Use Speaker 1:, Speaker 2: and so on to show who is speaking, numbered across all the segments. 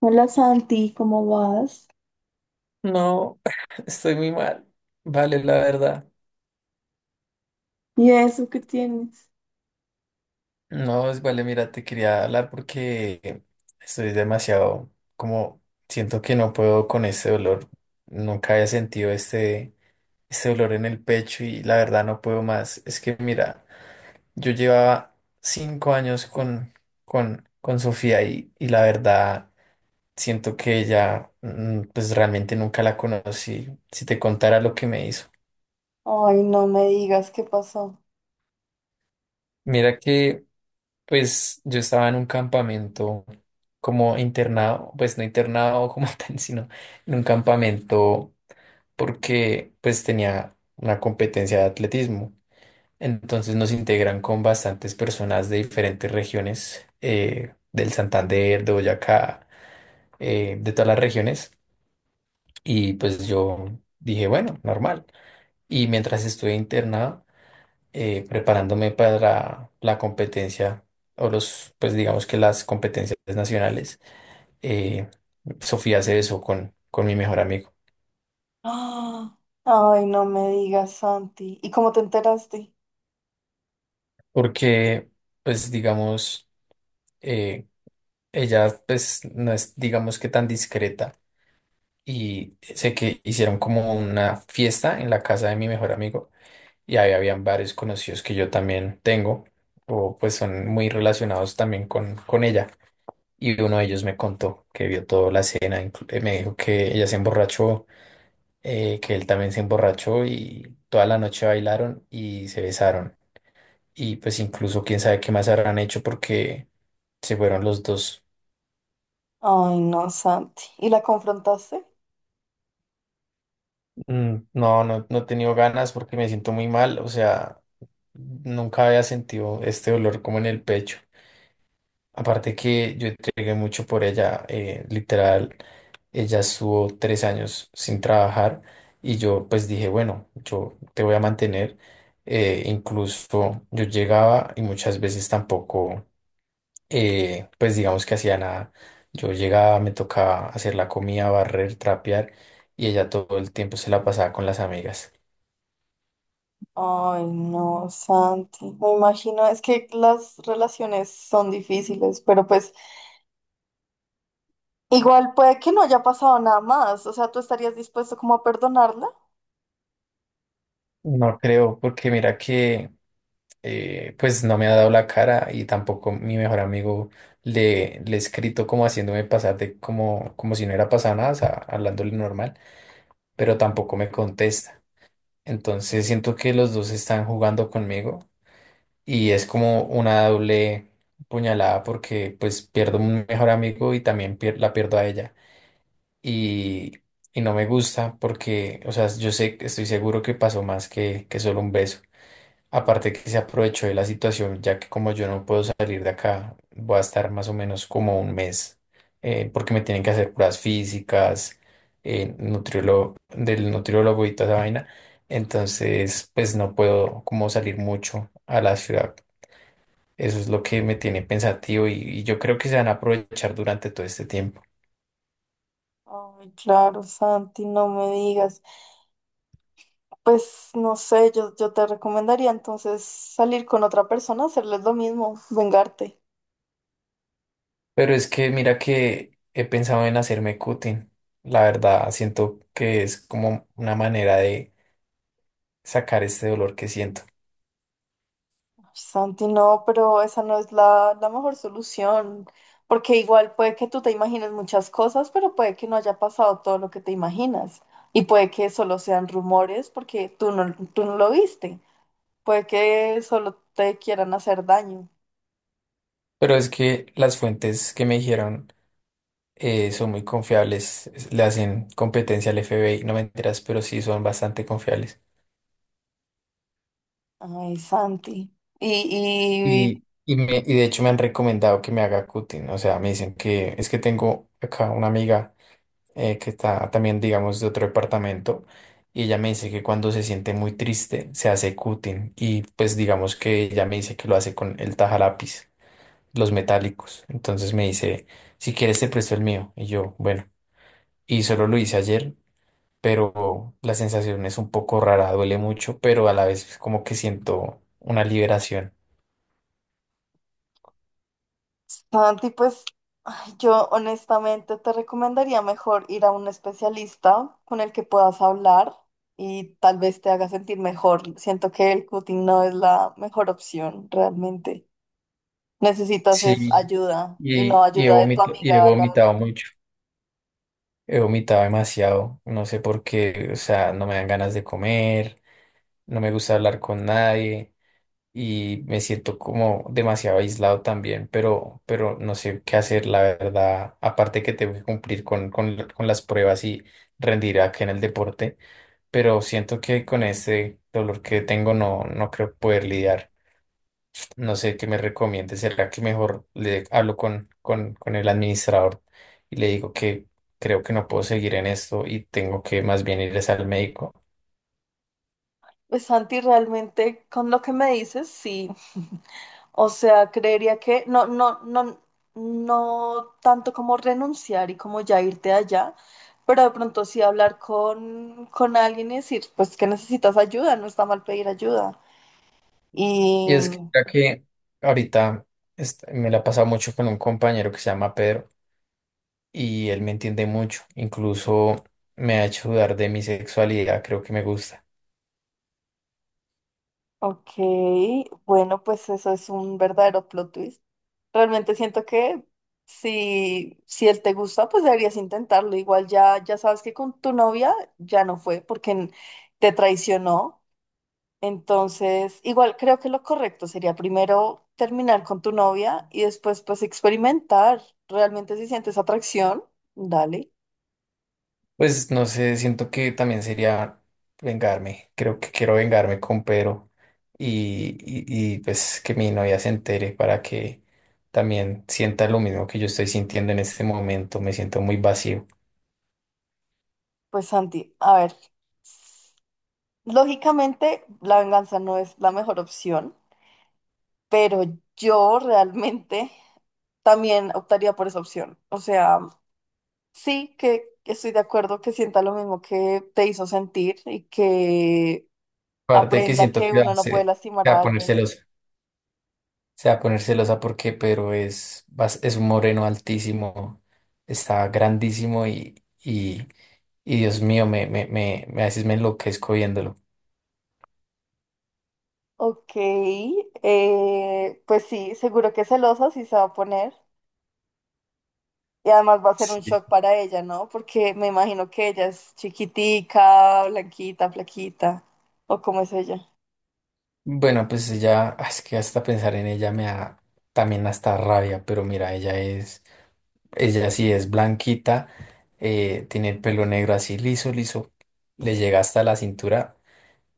Speaker 1: Hola, Santi, ¿cómo vas?
Speaker 2: No, estoy muy mal. Vale, la verdad.
Speaker 1: ¿Y eso qué tienes?
Speaker 2: No, vale, mira, te quería hablar porque estoy demasiado, como siento que no puedo con este dolor. Nunca había sentido este dolor en el pecho y la verdad no puedo más. Es que mira, yo llevaba 5 años con Sofía y la verdad siento que ella, pues realmente nunca la conocí. Si te contara lo que me hizo.
Speaker 1: Ay, no me digas, ¿qué pasó?
Speaker 2: Mira que. Pues yo estaba en un campamento como internado, pues no internado como tal, sino en un campamento porque pues tenía una competencia de atletismo. Entonces nos integran con bastantes personas de diferentes regiones, del Santander, de Boyacá, de todas las regiones. Y pues yo dije, bueno, normal. Y mientras estuve internado, preparándome para la competencia o los, pues digamos que las competencias nacionales, eh, Sofía se besó con mi mejor amigo,
Speaker 1: ¡Ah! Ay, no me digas, Santi. ¿Y cómo te enteraste?
Speaker 2: porque pues digamos, eh, ella pues no es digamos que tan discreta y sé que hicieron como una fiesta en la casa de mi mejor amigo y ahí habían varios conocidos que yo también tengo o pues son muy relacionados también con ella. Y uno de ellos me contó que vio toda la escena, me dijo que ella se emborrachó, que él también se emborrachó y toda la noche bailaron y se besaron. Y pues incluso quién sabe qué más habrán hecho porque se fueron los dos.
Speaker 1: Ay, no, Santi. ¿Y la confrontaste?
Speaker 2: Mm, no, no, no he tenido ganas porque me siento muy mal, o sea, nunca había sentido este dolor como en el pecho. Aparte que yo entregué mucho por ella, literal, ella estuvo 3 años sin trabajar y yo pues dije, bueno, yo te voy a mantener. Incluso yo llegaba y muchas veces tampoco, pues digamos que hacía nada. Yo llegaba, me tocaba hacer la comida, barrer, trapear y ella todo el tiempo se la pasaba con las amigas.
Speaker 1: Ay, no, Santi. Me imagino, es que las relaciones son difíciles, pero pues igual puede que no haya pasado nada más. O sea, ¿tú estarías dispuesto como a perdonarla?
Speaker 2: No creo, porque mira que pues no me ha dado la cara y tampoco mi mejor amigo le he escrito como haciéndome pasar de como si no era pasado nada, o sea, hablándole normal, pero tampoco me contesta. Entonces siento que los dos están jugando conmigo y es como una doble puñalada porque pues pierdo un mejor amigo y también la pierdo a ella. Y, y no me gusta porque, o sea, yo sé, estoy seguro que pasó más que solo un beso. Aparte que se aprovechó de la situación, ya que como yo no puedo salir de acá, voy a estar más o menos como un mes, porque me tienen que hacer pruebas físicas, del nutriólogo y toda esa vaina. Entonces, pues no puedo como salir mucho a la ciudad. Eso es lo que me tiene pensativo y yo creo que se van a aprovechar durante todo este tiempo.
Speaker 1: Ay, claro, Santi, no me digas. Pues no sé, yo te recomendaría entonces salir con otra persona, hacerles lo mismo, vengarte.
Speaker 2: Pero es que mira que he pensado en hacerme cutting. La verdad, siento que es como una manera de sacar este dolor que siento.
Speaker 1: Ay, Santi, no, pero esa no es la mejor solución, porque igual puede que tú te imagines muchas cosas, pero puede que no haya pasado todo lo que te imaginas. Y puede que solo sean rumores porque tú no lo viste. Puede que solo te quieran hacer daño.
Speaker 2: Pero es que las fuentes que me dijeron son muy confiables, le hacen competencia al FBI no me enteras, pero sí son bastante confiables.
Speaker 1: Ay, Santi. Y,
Speaker 2: Y de hecho me han recomendado que me haga cutting, o sea, me dicen que es que tengo acá una amiga que está también, digamos, de otro departamento, y ella me dice que cuando se siente muy triste se hace cutting, y pues digamos que ella me dice que lo hace con el tajalápiz, los metálicos. Entonces me dice, si quieres te presto el mío, y yo, bueno. Y solo lo hice ayer, pero la sensación es un poco rara, duele mucho, pero a la vez es como que siento una liberación.
Speaker 1: Santi, pues ay, yo honestamente te recomendaría mejor ir a un especialista con el que puedas hablar y tal vez te haga sentir mejor. Siento que el cutting no es la mejor opción realmente. Necesitas es
Speaker 2: Sí,
Speaker 1: ayuda y no
Speaker 2: y, y he
Speaker 1: ayuda de tu
Speaker 2: vomit- y he
Speaker 1: amiga.
Speaker 2: vomitado mucho, he vomitado demasiado, no sé por qué, o sea, no me dan ganas de comer, no me gusta hablar con nadie y me siento como demasiado aislado también, pero no sé qué hacer, la verdad, aparte que tengo que cumplir con las pruebas y rendir acá en el deporte. Pero siento que con este dolor que tengo no, no creo poder lidiar. No sé qué me recomiende. ¿Será que mejor le hablo con el administrador y le digo que creo que no puedo seguir en esto y tengo que más bien ir es al médico?
Speaker 1: Pues, Santi, realmente con lo que me dices, sí. O sea, creería que no, no, no, no tanto como renunciar y como ya irte allá, pero de pronto sí hablar con alguien y decir, pues que necesitas ayuda, no está mal pedir ayuda. Y,
Speaker 2: Y es que, ya que ahorita me la he pasado mucho con un compañero que se llama Pedro y él me entiende mucho. Incluso me ha hecho dudar de mi sexualidad. Creo que me gusta.
Speaker 1: ok, bueno, pues eso es un verdadero plot twist. Realmente siento que si él te gusta, pues deberías intentarlo. Igual ya, ya sabes que con tu novia ya no fue porque te traicionó. Entonces, igual creo que lo correcto sería primero terminar con tu novia y después pues experimentar. Realmente si sientes atracción, dale.
Speaker 2: Pues no sé, siento que también sería vengarme. Creo que quiero vengarme con Pedro y, pues que mi novia se entere para que también sienta lo mismo que yo estoy sintiendo en este momento. Me siento muy vacío.
Speaker 1: Pues, Santi, a ver, lógicamente la venganza no es la mejor opción, pero yo realmente también optaría por esa opción. O sea... Sí, que estoy de acuerdo que sienta lo mismo que te hizo sentir y que
Speaker 2: Aparte que
Speaker 1: aprenda
Speaker 2: siento
Speaker 1: que
Speaker 2: que
Speaker 1: uno no puede
Speaker 2: se
Speaker 1: lastimar
Speaker 2: va a
Speaker 1: a
Speaker 2: poner
Speaker 1: alguien.
Speaker 2: celosa. Se va a poner celosa porque Pedro es un moreno altísimo, está grandísimo y Dios mío, a veces me enloquezco viéndolo.
Speaker 1: Ok, pues sí, seguro que celosa sí se va a poner y además va a ser un shock para ella, ¿no? Porque me imagino que ella es chiquitica, blanquita, flaquita, o cómo es ella.
Speaker 2: Bueno, pues ella, ah, es que hasta pensar en ella me da también hasta rabia, pero mira, ella sí es blanquita, tiene el pelo negro así liso, liso, le llega hasta la cintura,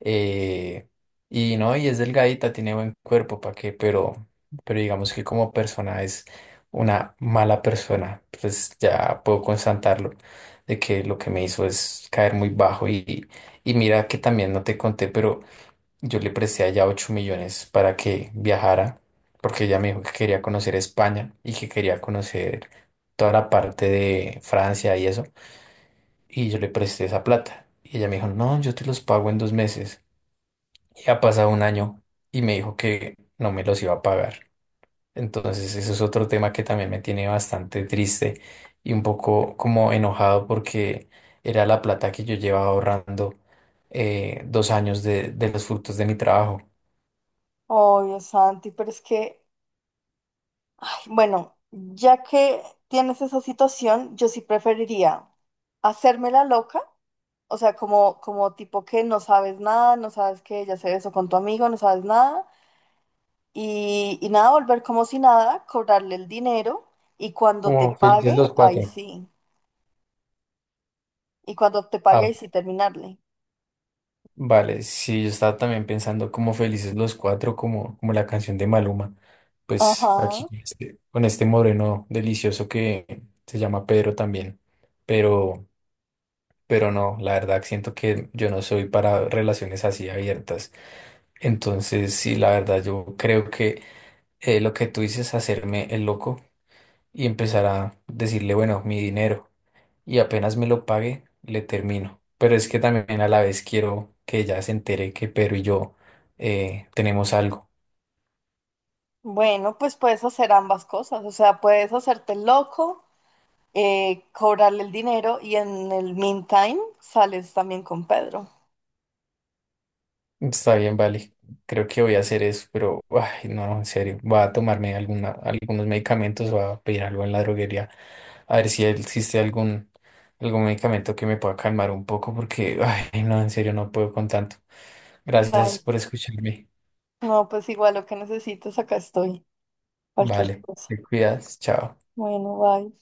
Speaker 2: eh, y no, y es delgadita, tiene buen cuerpo, ¿para qué? Pero digamos que como persona es una mala persona, pues ya puedo constatarlo, de que lo que me hizo es caer muy bajo y mira que también no te conté, pero yo le presté allá 8 millones para que viajara, porque ella me dijo que quería conocer España y que quería conocer toda la parte de Francia y eso. Y yo le presté esa plata. Y ella me dijo, no, yo te los pago en 2 meses. Y ha pasado un año y me dijo que no me los iba a pagar. Entonces, eso es otro tema que también me tiene bastante triste y un poco como enojado porque era la plata que yo llevaba ahorrando 2 años de los frutos de mi trabajo.
Speaker 1: Oh, Dios, Santi, pero es que, ay, bueno, ya que tienes esa situación, yo sí preferiría hacerme la loca. O sea, como, como tipo que no sabes nada, no sabes que ella se besó con tu amigo, no sabes nada. Y nada, volver como si nada, cobrarle el dinero y cuando te
Speaker 2: Como felices
Speaker 1: pague,
Speaker 2: los
Speaker 1: ahí
Speaker 2: cuatro.
Speaker 1: sí. Y cuando te pague,
Speaker 2: Ah,
Speaker 1: ahí sí terminarle.
Speaker 2: vale, sí, yo estaba también pensando como felices los cuatro, como, la canción de Maluma. Pues aquí
Speaker 1: Ajá.
Speaker 2: con este moreno delicioso que se llama Pedro también. Pero, pero no, la verdad siento que yo no soy para relaciones así abiertas. Entonces, sí, la verdad, yo creo que lo que tú dices, hacerme el loco y empezar a decirle, bueno, mi dinero. Y apenas me lo pague, le termino. Pero es que también a la vez quiero que ella se entere que Pedro y yo tenemos algo.
Speaker 1: Bueno, pues puedes hacer ambas cosas. O sea, puedes hacerte el loco, cobrarle el dinero y en el meantime sales también con Pedro.
Speaker 2: Está bien, vale. Creo que voy a hacer eso, pero ay, no, en serio. Voy a tomarme algunos medicamentos, voy a pedir algo en la droguería, a ver si existe algún medicamento que me pueda calmar un poco, porque ay, no, en serio, no puedo con tanto. Gracias
Speaker 1: Vale.
Speaker 2: por escucharme.
Speaker 1: No, pues igual lo que necesites, acá estoy. Cualquier
Speaker 2: Vale,
Speaker 1: cosa.
Speaker 2: te cuidas, chao.
Speaker 1: Bueno, bye.